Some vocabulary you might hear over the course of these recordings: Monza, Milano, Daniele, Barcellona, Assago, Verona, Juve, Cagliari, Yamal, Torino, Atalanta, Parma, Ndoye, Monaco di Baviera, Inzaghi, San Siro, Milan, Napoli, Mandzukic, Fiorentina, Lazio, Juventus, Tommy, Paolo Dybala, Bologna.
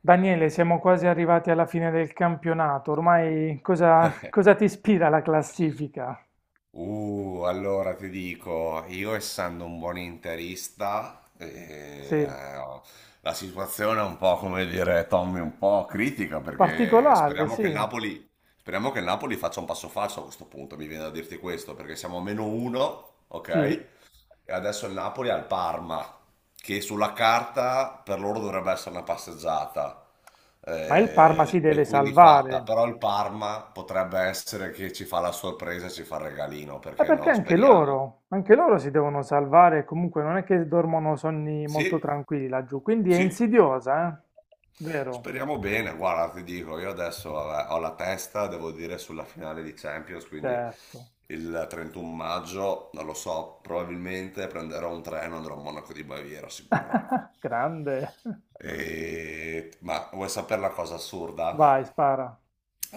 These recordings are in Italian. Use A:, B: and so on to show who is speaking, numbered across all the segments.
A: Daniele, siamo quasi arrivati alla fine del campionato. Ormai cosa ti ispira la classifica?
B: Allora ti dico, io essendo un buon interista,
A: Sì,
B: la situazione è un po' come dire Tommy, un po' critica perché
A: particolare,
B: speriamo che il
A: sì,
B: Napoli faccia un passo falso a questo punto, mi viene da dirti questo, perché siamo a meno uno,
A: sì.
B: ok? E adesso il Napoli ha il Parma, che sulla carta per loro dovrebbe essere una passeggiata
A: Ma il Parma si
B: e
A: deve
B: quindi fatta,
A: salvare.
B: però il Parma potrebbe essere che ci fa la sorpresa e ci fa il regalino,
A: Ma
B: perché
A: perché
B: no? Speriamo.
A: anche loro si devono salvare. Comunque non è che dormono sonni molto
B: Sì,
A: tranquilli laggiù. Quindi è
B: sì,
A: insidiosa, eh? Vero?
B: speriamo bene. Guarda, ti dico, io adesso vabbè, ho la testa, devo dire, sulla finale di Champions, quindi
A: Certo.
B: il 31 maggio, non lo so, probabilmente prenderò un treno e andrò a Monaco di Baviera, sicuro.
A: Grande.
B: Ma vuoi sapere la cosa assurda?
A: Vai, spara.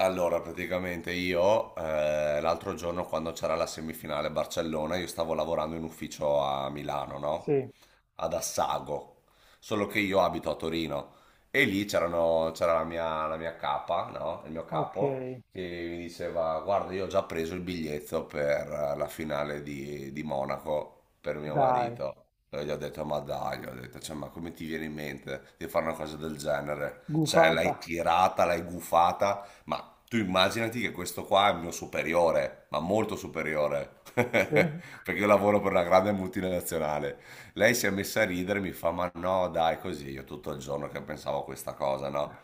B: Allora, praticamente io l'altro giorno quando c'era la semifinale Barcellona, io stavo lavorando in ufficio a Milano, no?
A: Sì,
B: Ad Assago, solo che io abito a Torino e c'era la mia capa, no? Il mio
A: ok.
B: capo che mi diceva, guarda, io ho già preso il biglietto per la finale di Monaco per mio
A: Dai.
B: marito. E gli ho detto, ma dai, gli ho detto, "Cioè, ma come ti viene in mente di fare una cosa del genere? Cioè,
A: Gufata.
B: l'hai tirata, l'hai gufata. Ma tu immaginati che questo qua è il mio superiore, ma molto superiore,
A: Sì,
B: perché io lavoro per una grande multinazionale. Lei si è messa a ridere e mi fa, ma no, dai, così, io tutto il giorno che pensavo a questa cosa, no?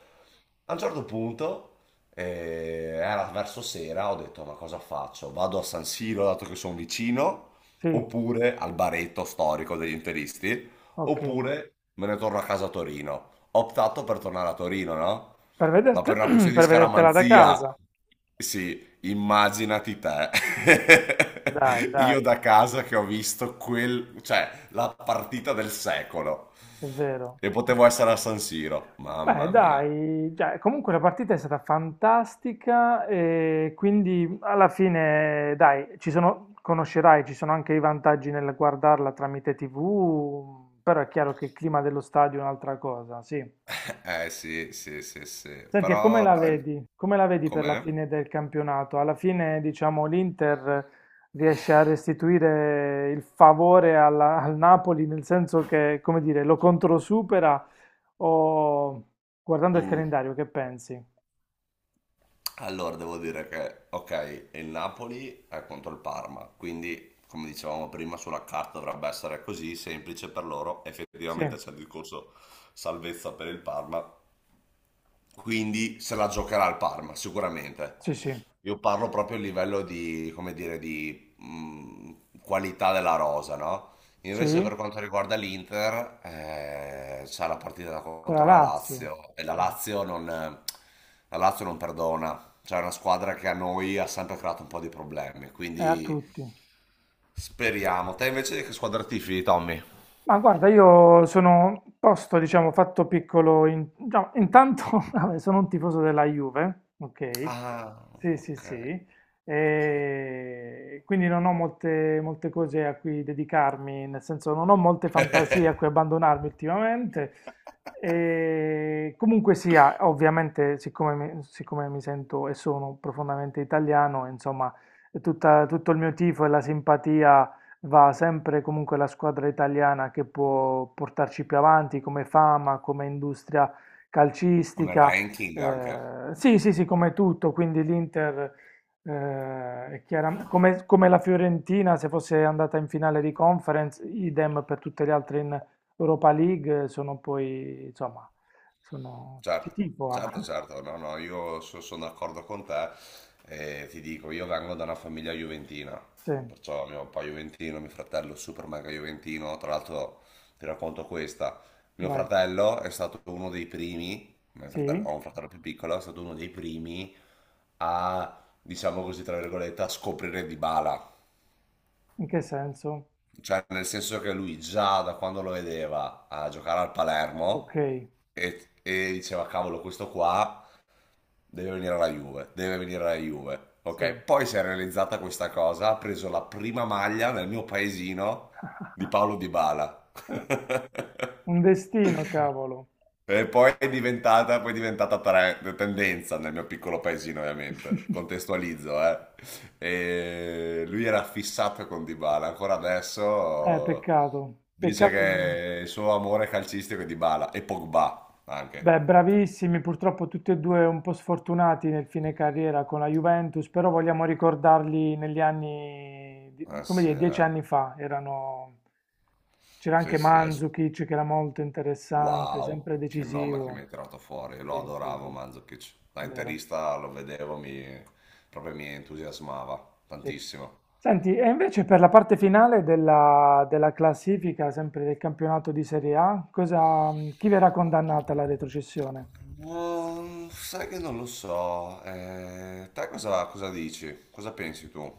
B: A un certo punto, era verso sera, ho detto, ma cosa faccio? Vado a San Siro, dato che sono vicino,
A: sì.
B: oppure al baretto storico degli interisti,
A: Ok,
B: oppure me ne torno a casa a Torino. Ho optato per tornare a Torino, no?
A: per
B: Ma per una
A: vederti-
B: questione di
A: per vedertela da
B: scaramanzia,
A: casa.
B: sì, immaginati te.
A: Dai,
B: Io
A: dai,
B: da casa che ho visto quel, cioè, la partita del secolo.
A: è vero.
B: E potevo essere a San Siro,
A: Beh,
B: mamma mia.
A: dai, cioè, comunque la partita è stata fantastica e quindi alla fine, dai, ci sono, conoscerai, ci sono anche i vantaggi nel guardarla tramite TV, però è chiaro che il clima dello stadio è un'altra cosa, sì.
B: Eh sì, sì, sì, sì.
A: Senti, e come
B: Però,
A: la
B: dai,
A: vedi? Come la vedi per la
B: com'è?
A: fine del campionato? Alla fine, diciamo, l'Inter riesce a restituire il favore al Napoli, nel senso che, come dire, lo controsupera o guardando il
B: Mm.
A: calendario, che pensi?
B: Allora, devo dire che, ok, il Napoli è contro il Parma, quindi, come dicevamo prima, sulla carta dovrebbe essere così semplice per loro.
A: Sì,
B: Effettivamente c'è il discorso salvezza per il Parma, quindi se la giocherà il Parma, sicuramente.
A: sì, sì,
B: Io parlo proprio a livello di, come dire, di qualità della rosa, no? Invece per
A: sì,
B: quanto riguarda l'Inter, c'è la partita
A: con la
B: contro la
A: Lazio,
B: Lazio e la
A: eh,
B: Lazio non, la Lazio non perdona, c'è una squadra che a noi ha sempre creato un po' di problemi,
A: è a
B: quindi
A: tutti.
B: speriamo. Te invece di che squadra tifi, Tommy?
A: Ma guarda, io sono posto, diciamo, fatto piccolo. No, intanto, vabbè, sono un tifoso della Juve, ok?
B: Ah,
A: Sì, sì,
B: ok,
A: sì.
B: ok.
A: E quindi non ho molte cose a cui dedicarmi, nel senso non ho molte fantasie a cui abbandonarmi ultimamente. E comunque sia, ovviamente, siccome mi sento e sono profondamente italiano, insomma, tutto il mio tifo e la simpatia va sempre comunque la squadra italiana che può portarci più avanti come fama, come industria
B: Come
A: calcistica.
B: ranking anche,
A: Sì, sì, sì, come tutto. Quindi l'Inter, è come, come la Fiorentina, se fosse andata in finale di conference, idem per tutte le altre in Europa League, sono poi, insomma, sono... Ci
B: certo,
A: tifo, ah.
B: certo, certo, no, no, sono d'accordo con te e ti dico, io vengo da una famiglia juventina,
A: Sì,
B: perciò mio papà juventino, mio fratello super mega juventino, tra l'altro ti racconto questa, mio
A: vai.
B: fratello è stato uno dei primi,
A: Sì,
B: ho un fratello più piccolo, è stato uno dei primi a, diciamo così, tra virgolette, a scoprire Dybala.
A: in che senso?
B: Cioè, nel senso che lui già da quando lo vedeva a giocare al
A: Ok,
B: Palermo e diceva, cavolo, questo qua deve venire alla Juve, deve venire alla Juve. Ok,
A: sì.
B: poi si è realizzata questa cosa, ha preso la prima maglia nel mio paesino di Paolo Dybala.
A: Eh, Un destino, cavolo.
B: E poi è diventata tendenza nel mio piccolo paesino, ovviamente. Contestualizzo, eh. E lui era fissato con Dybala, ancora adesso
A: Peccato.
B: dice
A: Peccato.
B: che il suo amore calcistico è Dybala e Pogba anche.
A: Beh, bravissimi, purtroppo tutti e due un po' sfortunati nel fine carriera con la Juventus, però vogliamo ricordarli negli anni,
B: Ah,
A: come
B: sì,
A: dire, dieci
B: eh.
A: anni fa. Erano... C'era
B: Sì,
A: anche
B: sì,
A: Mandzukic che era molto interessante,
B: wow,
A: sempre
B: che nome che
A: decisivo.
B: mi hai tirato fuori. Lo
A: Sì, sì,
B: adoravo
A: sì,
B: Mandzukic. Da
A: vero.
B: interista lo vedevo, mi... proprio mi entusiasmava
A: Sì.
B: tantissimo.
A: Senti, e invece per la parte finale della classifica, sempre del campionato di Serie A, cosa, chi verrà condannata alla retrocessione?
B: No, sai che non lo so. Te cosa, cosa dici? Cosa pensi tu?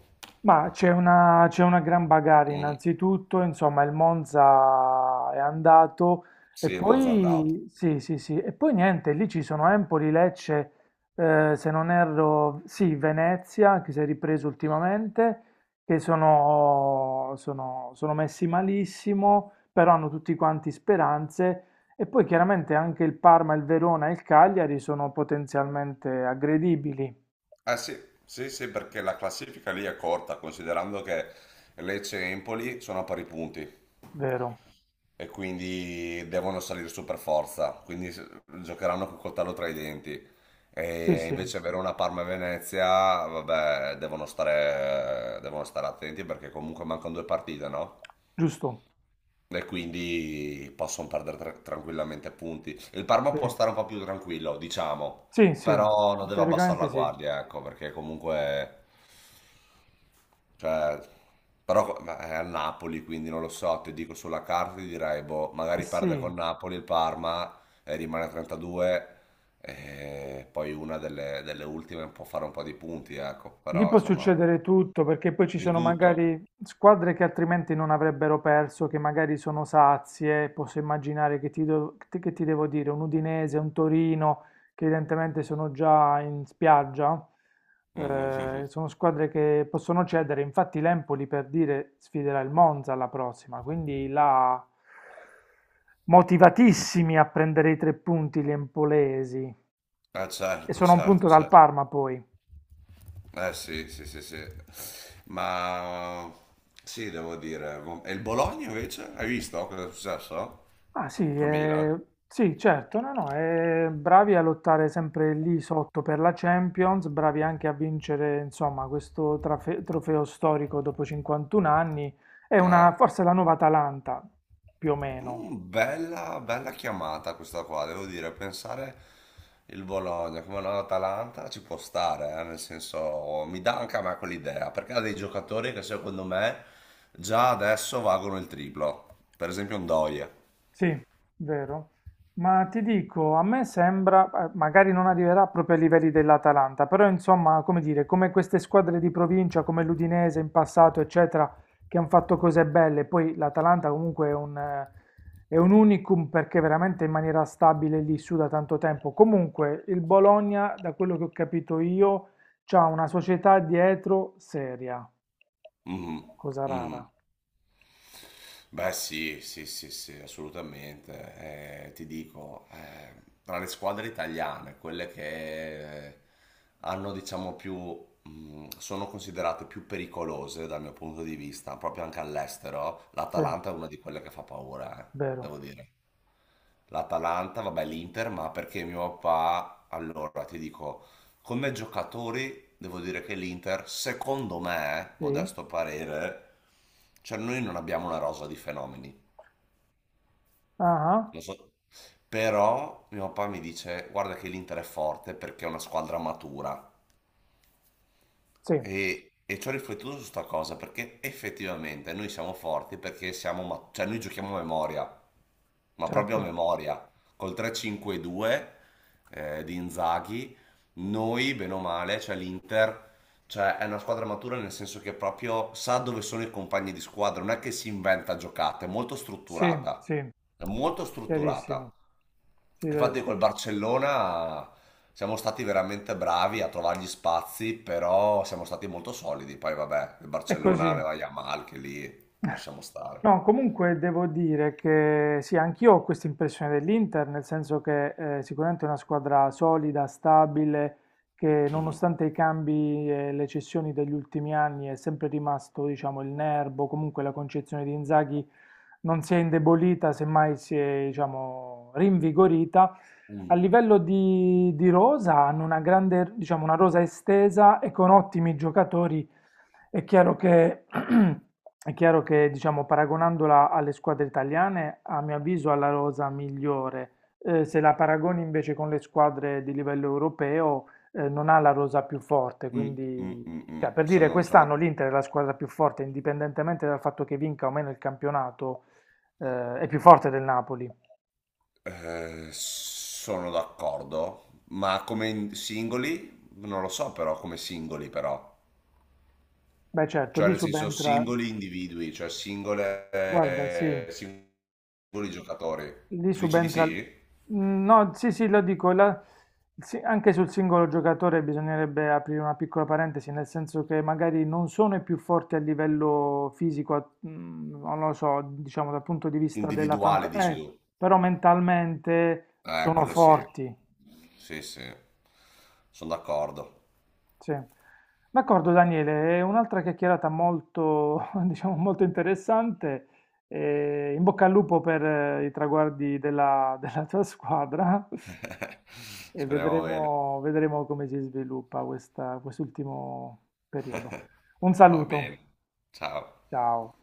A: Ma c'è una gran bagarre
B: Mm,
A: innanzitutto, insomma il Monza è andato e
B: sì, il Monza è andato.
A: poi, sì, sì, sì, e poi niente, lì ci sono Empoli, Lecce, se non erro, sì, Venezia che si è ripreso ultimamente, che sono messi malissimo, però hanno tutti quanti speranze e poi chiaramente anche il Parma, il Verona e il Cagliari sono potenzialmente aggredibili,
B: Eh sì, sì, sì, perché la classifica lì è corta, considerando che Lecce e Empoli sono a pari punti
A: vero?
B: e quindi devono salire su per forza, giocheranno col coltello tra i denti.
A: Sì,
B: E
A: sì,
B: invece Verona, Parma e Venezia, vabbè, devono stare attenti perché comunque mancano due partite, no?
A: giusto.
B: E quindi possono perdere tranquillamente punti. Il Parma
A: Sì.
B: può stare un po' più tranquillo, diciamo,
A: Sì, sì,
B: però non deve abbassare la
A: teoricamente sì. Eh
B: guardia, ecco, perché comunque, cioè, però ma è al Napoli, quindi non lo so, ti dico sulla carta, ti direi, boh, magari perde
A: sì,
B: con Napoli il Parma e rimane a 32, e poi una delle ultime può fare un po' di punti, ecco,
A: lì
B: però
A: può
B: insomma,
A: succedere tutto perché poi ci
B: di
A: sono
B: tutto.
A: magari squadre che altrimenti non avrebbero perso, che magari sono sazie, posso immaginare che che ti devo dire, un Udinese, un Torino, che evidentemente sono già in spiaggia, sono squadre che possono cedere, infatti l'Empoli per dire sfiderà il Monza alla prossima, quindi là motivatissimi a prendere i tre punti gli empolesi.
B: Ah,
A: E
B: certo,
A: sono a un
B: certo,
A: punto dal
B: certo.
A: Parma poi.
B: Eh sì, sì, sì, sì. Ma sì, devo dire. E il Bologna invece? Hai visto cosa è successo?
A: Ah sì,
B: Con Milan?
A: sì, certo, no, no, bravi a lottare sempre lì sotto per la Champions, bravi anche a vincere, insomma, questo trofeo storico dopo 51 anni. È
B: Eh,
A: una, forse la nuova Atalanta, più o meno.
B: mm, bella, bella chiamata questa qua, devo dire. Pensare il Bologna come l'Atalanta ci può stare, nel senso mi dà anche a me quell'idea, perché ha dei giocatori che secondo me già adesso valgono il triplo. Per esempio un Ndoye.
A: Sì, vero. Ma ti dico, a me sembra, magari non arriverà proprio ai livelli dell'Atalanta, però insomma, come dire, come queste squadre di provincia, come l'Udinese in passato, eccetera, che hanno fatto cose belle, poi l'Atalanta comunque è un unicum perché veramente in maniera stabile lì su da tanto tempo. Comunque, il Bologna, da quello che ho capito io, c'ha una società dietro seria,
B: Mhm,
A: cosa
B: mhm.
A: rara.
B: Beh, sì, sì, sì, sì, assolutamente. Ti dico, tra le squadre italiane, quelle che hanno, diciamo, più, sono considerate più pericolose dal mio punto di vista, proprio anche all'estero,
A: Sì,
B: l'Atalanta è una di quelle che fa paura,
A: vero.
B: devo dire l'Atalanta, vabbè l'Inter, ma perché mio papà, allora ti dico, come giocatori devo dire che l'Inter, secondo me,
A: Sì.
B: modesto parere, cioè noi non abbiamo una rosa di fenomeni,
A: Ah, ah,
B: non so, però mio papà mi dice guarda che l'Inter è forte perché è una squadra matura
A: sì,
B: e ci ho riflettuto su sta cosa perché effettivamente noi siamo forti perché cioè noi giochiamo a memoria, ma proprio a
A: certo.
B: memoria. Col 3-5-2 di Inzaghi, noi, bene o male, cioè l'Inter, cioè è una squadra matura nel senso che proprio sa dove sono i compagni di squadra, non è che si inventa giocate, è molto
A: Sì,
B: strutturata,
A: sì,
B: è molto
A: chiarissimo.
B: strutturata.
A: Sì,
B: Infatti
A: vero.
B: col Barcellona siamo stati veramente bravi a trovare gli spazi, però siamo stati molto solidi. Poi vabbè, il
A: È
B: Barcellona
A: così.
B: aveva Yamal che lì possiamo stare.
A: No, comunque devo dire che sì, anch'io ho questa impressione dell'Inter, nel senso che sicuramente è una squadra solida, stabile, che
B: Mhm.
A: nonostante i cambi e le cessioni degli ultimi anni è sempre rimasto, diciamo, il nervo, comunque la concezione di Inzaghi non si è indebolita, semmai si è, diciamo, rinvigorita. A
B: Mhm.
A: livello di rosa hanno una grande, diciamo, una rosa estesa e con ottimi giocatori. È chiaro che, è chiaro che, diciamo, paragonandola alle squadre italiane, a mio avviso ha la rosa migliore. Se la paragoni invece con le squadre di livello europeo, non ha la rosa più forte.
B: Mm, mm,
A: Quindi,
B: mm, mm.
A: cioè, per dire,
B: Sono,
A: quest'anno
B: sono,
A: l'Inter è la squadra più forte, indipendentemente dal fatto che vinca o meno il campionato, è più forte del Napoli.
B: sono d'accordo, ma singoli? Non lo so però, come singoli però.
A: Beh, certo,
B: Cioè
A: lì
B: nel senso
A: subentra.
B: singoli individui, cioè singole,
A: Guarda, sì,
B: singoli giocatori.
A: lì
B: Dici di
A: subentra.
B: sì?
A: No, sì, sì, lo dico, sì, anche sul singolo giocatore bisognerebbe aprire una piccola parentesi, nel senso che magari non sono i più forti a livello fisico, non lo so, diciamo dal punto di vista della
B: Individuale dici
A: fantasia,
B: tu.
A: però mentalmente sono
B: Quello sì.
A: forti.
B: Sì, sì. Sono d'accordo.
A: Sì. D'accordo Daniele, è un'altra chiacchierata molto, diciamo, molto interessante. In bocca al lupo per i traguardi della, della tua squadra e
B: Speriamo bene.
A: vedremo, vedremo come si sviluppa quest'ultimo periodo. Un
B: Va
A: saluto,
B: bene. Ciao.
A: ciao.